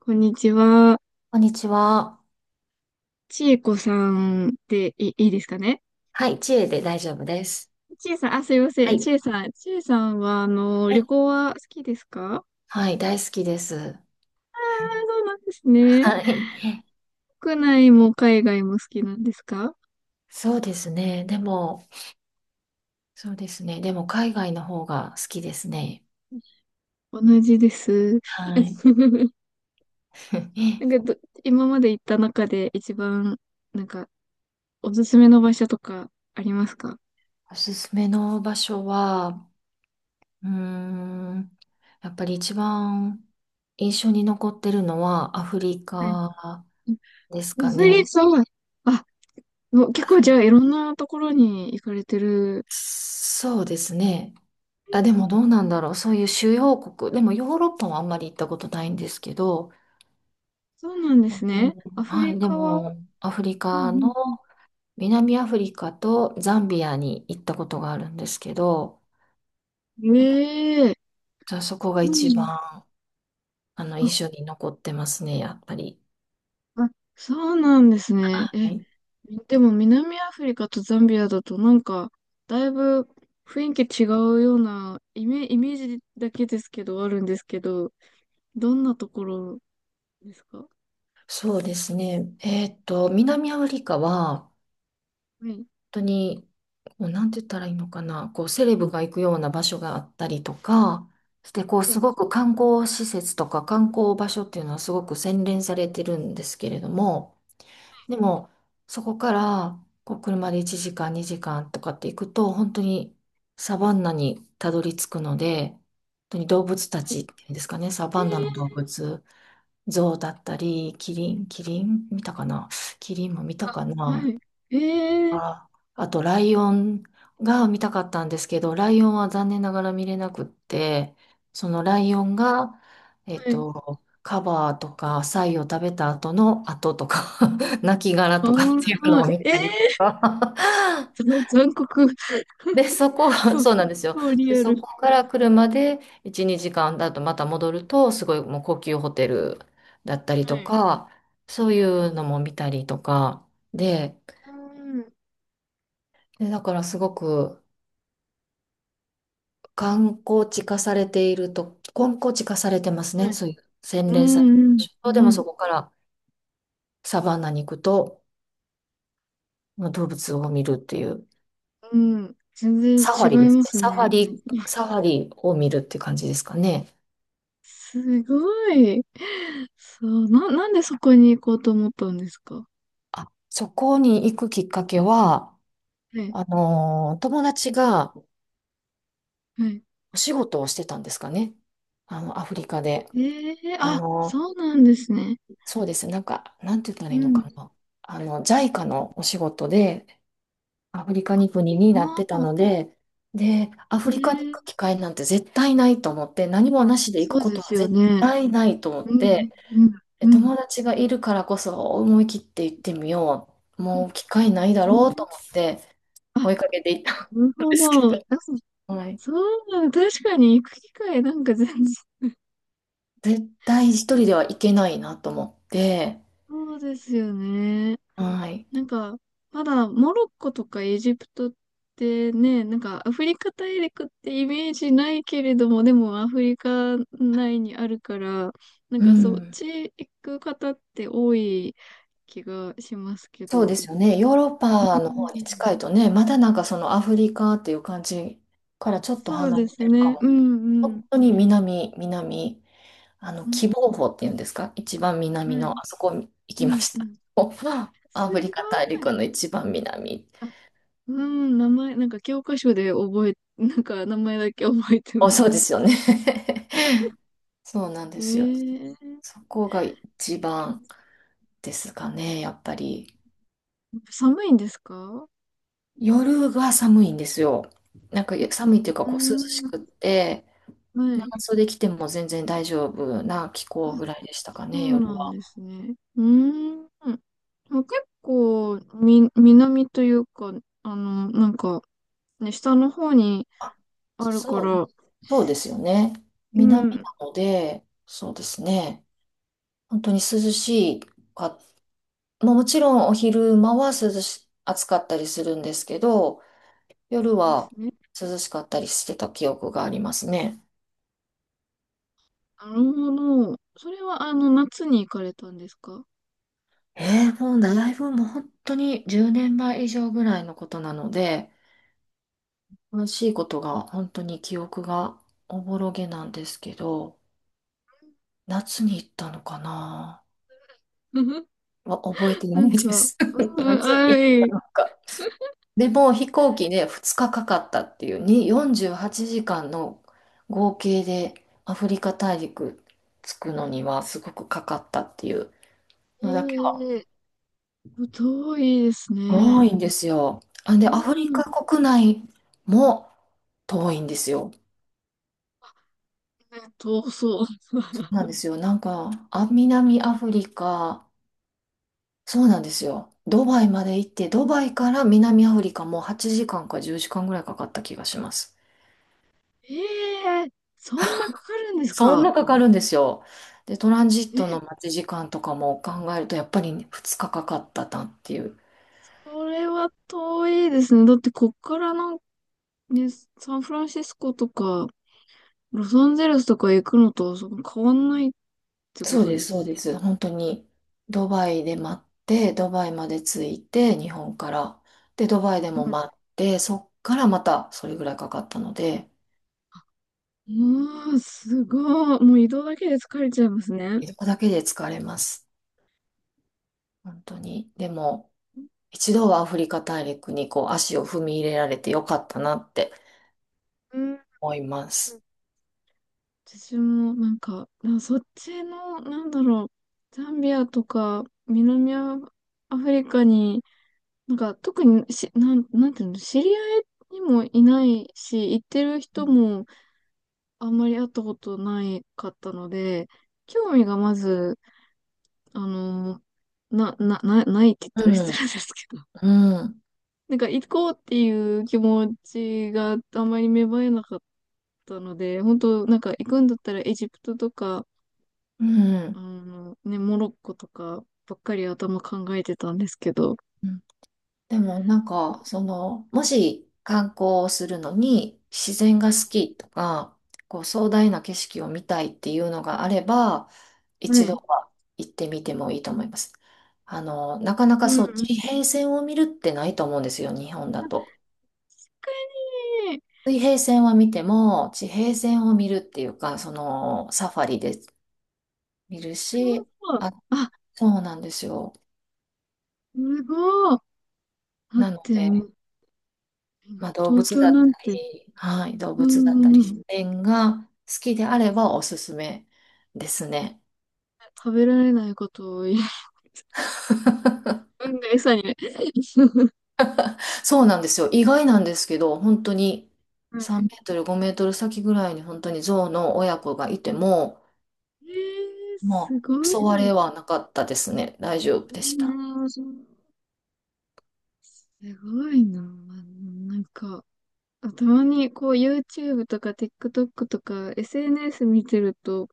こんにちは。こんにちは。ちえこさんでいいですかね？はい、知恵で大丈夫です。ちえさん、あ、すいませはん。ちい。えさん、ちえさんは、は旅い。行は好きですか？はい、大好きです。あ、そうなんですね。はい。国内も海外も好きなんですか？そうですね。でも、そうですね。でも、海外の方が好きですね。同じです。はい。な んかど、今まで行った中で一番、なんか、おすすめの場所とかありますか？おすすめの場所は、うーん、やっぱり一番印象に残ってるのはアフリはい。カですアかフリね。カは、あ、もうア結構フじリゃあいろんなところに行かれてる。そうですね。あ、でもどうなんだろう。そういう主要国。でもヨーロッパはあんまり行ったことないんですけど、そうなんではすいでね。も、アフはリい、でカは、もアフリうん、うカのん、うん、南アフリカとザンビアに行ったことがあるんですけど、やっぱりええ、じゃあそこがう一ん、番あ、印象に残ってますね、やっぱり。あ、そうなんですね。はえ、い。でも南アフリカとザンビアだとなんか、だいぶ雰囲気違うようなイメージだけですけど、あるんですけど、どんなところですか？はそうですね。南アフリカはい。当に、こう、なんて言ったらいいのかな、こう、セレブが行くような場所があったりとか、して、こう、はすい。ごく観光施設とか観光場所っていうのはすごく洗練されてるんですけれども、でも、そこから、こう、車で1時間、2時間とかって行くと、本当にサバンナにたどり着くので、本当に動物たはちっていうんですかね、サい。えバンナの動え、物、ゾウだったり、キリン見たかな。キリンも見たあ、かはな。い。ええ、あ、あと、ライオンが見たかったんですけど、ライオンは残念ながら見れなくって、そのライオンが、はい。カバーとか、サイを食べた後の後とか、亡きあとかっー、ていうのはをい。見ええ、たりとか。ざ 残酷。で、そこ、超、そうなんですよ。超リで、アそル。こから車で1、2時間だとまた戻ると、すごいもう高級ホテルだったりはい。とはい。か、そうえいうのも見たりとか、で、うん。で、だからすごく、観光地化されていると、観光地化されてますはね。い。そういう、洗う練されてるん、でうん、しょ。でもうん。そこからサバンナに行くと、まあ動物を見るっていう、うん、全然サフ違ァリでいすまね。すサファね。リ、いや、サファリを見るって感じですかね。すごい。そう、んでそこに行こうと思ったんですか？あ、そこに行くきっかけは、はい、友達がはい。お仕事をしてたんですかね。アフリカで。ええ、ああ、のそうなんですね。そうです。なんか、なんて言ったらういいのかん。な。ジャイカのお仕事で、アフリカに国になっあてたあ、ので、で、アフえリカに行え、く機会なんて絶対ないと思って、何もあ、なしで行そくうこでとすはよ絶ね。対ないと思っうて、ん、うん、でうん、友達がいるからこそ思い切って行ってみよう。もう機会ないだうろうとん。思ってあ、追いかけて行ったなるんほですけど。あ、ど、はい。そう、確かに行く機会なんか全然、絶対一人では行けないなと思って、そうですよね。はい。なんか、まだモロッコとかエジプトってね、なんかアフリカ大陸ってイメージないけれども、でもアフリカ内にあるから、なんうかそっん。ち行く方って多い気がしますけそうでど。すよね。ヨーロッうパの方にん。近いとね、まだなんかそのアフリカっていう感じからちょっとそう離でれすてるかね。も。うん、うん。本当に南、うん、喜望峰っていうんですか一番は南の、い。あそこ行うきまん、しうた。ん。おすアフリカ大ごい。陸の一番南。あ、うん、名前、なんか教科書で覚え、なんか名前だけ覚えてまお、す。そうですよね。そうなんですよ。ええ、そこが一番ですかね、やっぱり。寒いんですか？夜が寒いんですよ。なんか寒いってういうか、ーこう涼しん、くって、はい。長袖着ても全然大丈夫な気あ、候ぐらいでしたかそね、う夜なんは。ですね。うーん。まあ結構、南というか、あの、なんか、ね、下の方にあ、あるかそう、ら、そうですよね。う南ん。なので、そうですね。本当に涼しいか、まあもちろんお昼間は暑かったりするんですけど、そ夜うなんですはね。涼しかったりしてた記憶がありますね。なるほど。それは、あの、夏に行かれたんですか？ もうだいぶもう本当に10年前以上ぐらいのことなので、楽しいことが本当に記憶がおぼろげなんですけど、夏に行ったのかな は覚えてなないんでか、す。うん、夏はに行っい。たのか。でも飛行機で2日かかかったっていう、に48時間の合計でアフリカ大陸着くのにはすごくかかったっていうのだけはええ、遠いですね。多いんですよ。あ、うで、アフリん。カ国内も遠いんですよ。ね、遠そう。そうなんですよ。なんか、あ、南アフリカ、そうなんですよ。ドバイまで行って、ドバイから南アフリカも8時間か10時間ぐらいかかった気がします。ええ、そんなかかるんですそんか？なかかるんですよ。で、トランジットのえ、待ち時間とかも考えると、やっぱり2日かかかったなっていう。これは遠いですね。だってこっからなんかね、サンフランシスコとか、ロサンゼルスとか行くのとそん変わんないってこそうとでです、そうす。です。本当に、ドバイで待って、ドバイまで着いて、日本から。で、ドバイでもはい。待って、そっからまたそれぐらいかかったので、うわー、すごい。もう移動だけで疲れちゃいますね。移動だけで疲れます。本当に。でも、一度はアフリカ大陸にこう足を踏み入れられてよかったなってうん。思います。私もなんか、そっちの、なんだろう、ザンビアとか南アフリカに、なんか特にし、なん、なんていうの、知り合いにもいないし、行ってる人もあんまり会ったことないかったので、興味がまず、あの、ないって言っうたら失ん、礼ですけど、うん、なんか行こうっていう気持ちがあんまり芽生えなかったので、本当なんか行くんだったらエジプトとか、うあん。の、ね、モロッコとかばっかり頭考えてたんですけど、うんでもなんか、その、もし観光をするのに自然が好きとか、こう壮大な景色を見たいっていうのがあれば、は一度い。は行ってみてもいいと思います。なかなうかそう、ん。地平線を見るってないと思うんですよ、日本だ確と。かに。水平線は見ても、地平線を見るっていうか、その、サファリで見るなるし、ほど。あ、あ、そうなんですよ。すごい。だっなのてで、もう、まあ、動東物京だっなたんて、り、はい、動うん、物だっうたり、ん、う自ん、然が好きであればおすすめですね。食べられないことを言う、運が餌にね。そうなんですよ。意外なんですけど、本当には3メい。ートル、5メートル先ぐらいに本当に象の親子がいても、えー、ますあ、ごい。襲われはなかったですね。大丈夫うでした。ん。すごいな。なんか、たまにこう YouTube とか TikTok とか SNS 見てると、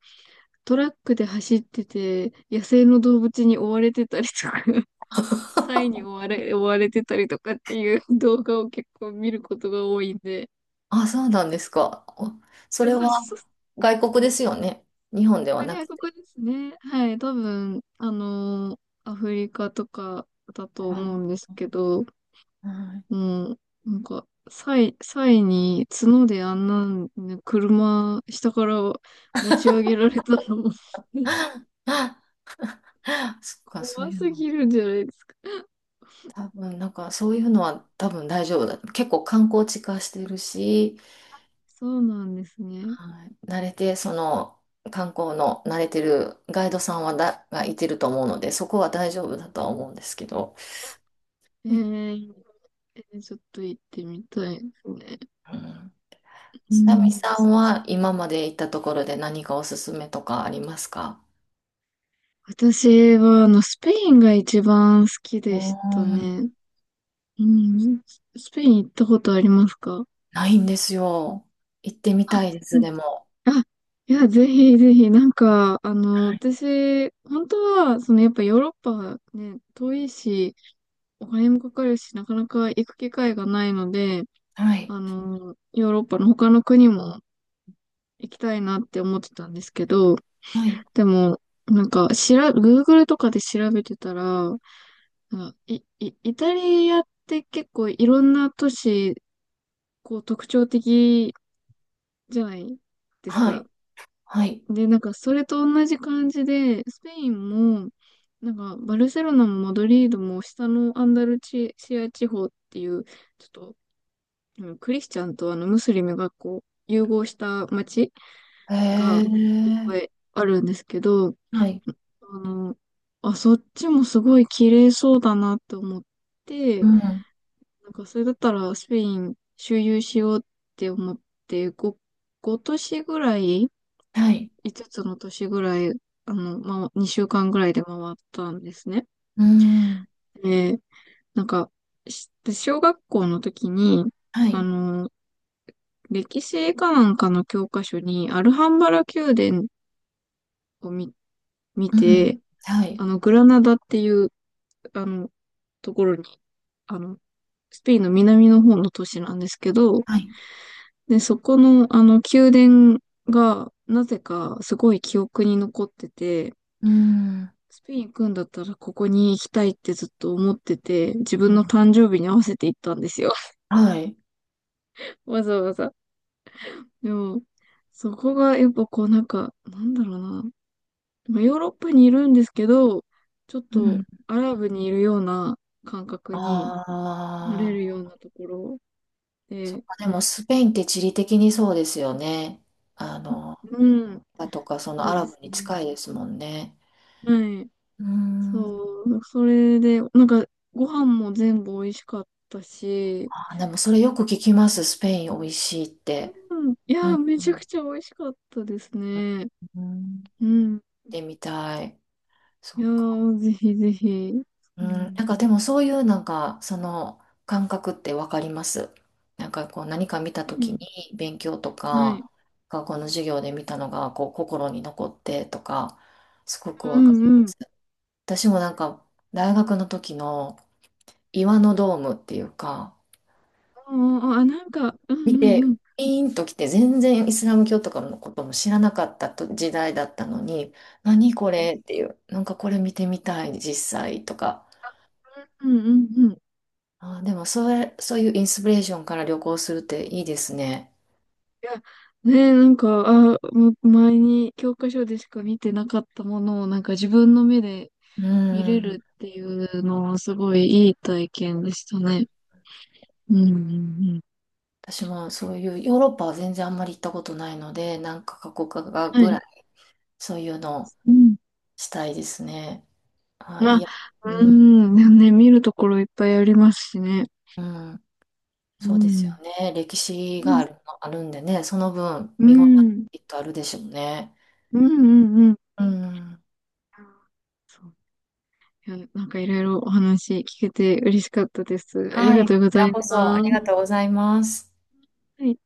トラックで走ってて、野生の動物に追われてたりとか、サイに追われ、追われてたりとかっていう動画を結構見ることが多いんで、あ、そうなんですか。おそれそうはそう、外国ですよね。日本ではな外く国て。ですね。はい、多分、アフリカとかだとあ思うんですけど、はい もう、なんか、サイに角であんな、ね、車、下から持ち上げられたらもう そっか、そう怖いうすの。ぎるんじゃないですか。多分、なんか、そういうのは多分大丈夫だ。結構観光地化してるし、そうなんですね。はい、慣れて、その観光の慣れてるガイドさんはだがいてると思うので、そこは大丈夫だとは思うんですけど、えうんー、ちょっと行ってみたいですね。うう久美ん、さんは今まで行ったところで何かおすすめとかありますか？私は、あの、スペインが一番好きうーでしたん、ね。うん、スペイン行ったことありますか？ないんですよ。行ってみあ、たいでうす、ん、でも。あ、いや、ぜひぜひ、なんか、あの、はい。私、本当は、その、やっぱヨーロッパね、遠いし、お金もかかるし、なかなか行く機会がないので、はい。あの、ヨーロッパの他の国も行きたいなって思ってたんですけど、はい。でも、なんか、Google とかで調べてたら、なんかイタリアって結構いろんな都市、こう特徴的じゃないですはか。い。はいで、なんかそれと同じ感じで、スペインも、なんかバルセロナもマドリードも下のアンダルチシア地方っていう、ちょっと、うん、クリスチャンとあのムスリムがこう融合した街へがいっえ。ぱいあるんですけど、はい。あの、あ、そっちもすごい綺麗そうだなって思っうて、ん。なんかそれだったらスペイン周遊しようって思って、5、ごご都市ぐらいはい。5つの都市ぐらい、あの、ま、2週間ぐらいで回ったんですね。うん。で、なんか、小学校の時に、はあい。の、歴史かなんかの教科書に、アルハンバラ宮殿を見、見うん。て、はい。あの、グラナダっていう、あの、ところに、あの、スペインの南の方の都市なんですけど、はい。で、そこの、あの、宮殿が、なぜか、すごい記憶に残ってて、うん。スペイン行くんだったらここに行きたいってずっと思ってて、自う分のん誕生日に合わせて行ったんですよ。はい。わざわざ。でも、そこがやっぱこうなんか、なんだろうな。まあヨーロッパにいるんですけど、ちょっうとんアラブにいるような感覚にあなれるようあ、なところそっで、か、でもスペインって地理的にそうですよね。あの、うん、あとか、そのそアうでラブすにね。近いですもんね。はい。うーん。そう、それで、なんかご飯も全部美味しかったし、でもそれよく聞きます。スペイン美味しいって。うん、いうや、ん、めちゃくちゃ美味しかったですね。うん、うん。行っうん。てみたい。そいっやか。ー、ぜひぜひ。ううん、ん。なんかでもそういうなんか、その感覚ってわかります。なんかこう何か見たう時ん。に勉強とはい。か、学校の授業で見たのがこう心に残ってとか、すごうくん、わかうん、りまうん。す。私もなんか、大学の時の岩のドームっていうか、あ、あ、なんか、うん、う見ん、うて、ん。ピーンと来て、全然イスラム教とかのことも知らなかったと時代だったのに、何こはい。れっていう、なんかこれ見てみたい、実際とか。うん、うん、うん。いでもそれ、そういうインスピレーションから旅行するっていいですね。や、ねえ、なんか、あ、前に教科書でしか見てなかったものを、なんか自分の目でう見れん。るっていうのは、すごいいい体験でしたね。うん、うん、うん。私もそういう、ヨーロッパは全然あんまり行ったことないので、なんか過去かはぐらい。い、そういうのをうん。したいですね。まいあ、や、ううん、ん。ね、見るところいっぱいありますしね。うん。うそうですよん。ね。歴史うがん。ある、まあるんでね、その分う見応ん。えきっとあるでしょうね。うん、うん、うん。うん。そう、いや、なんかいろいろお話聞けて嬉しかったです。ありはがい、ことうごちざらいこそあまりす。がとうございます。はい。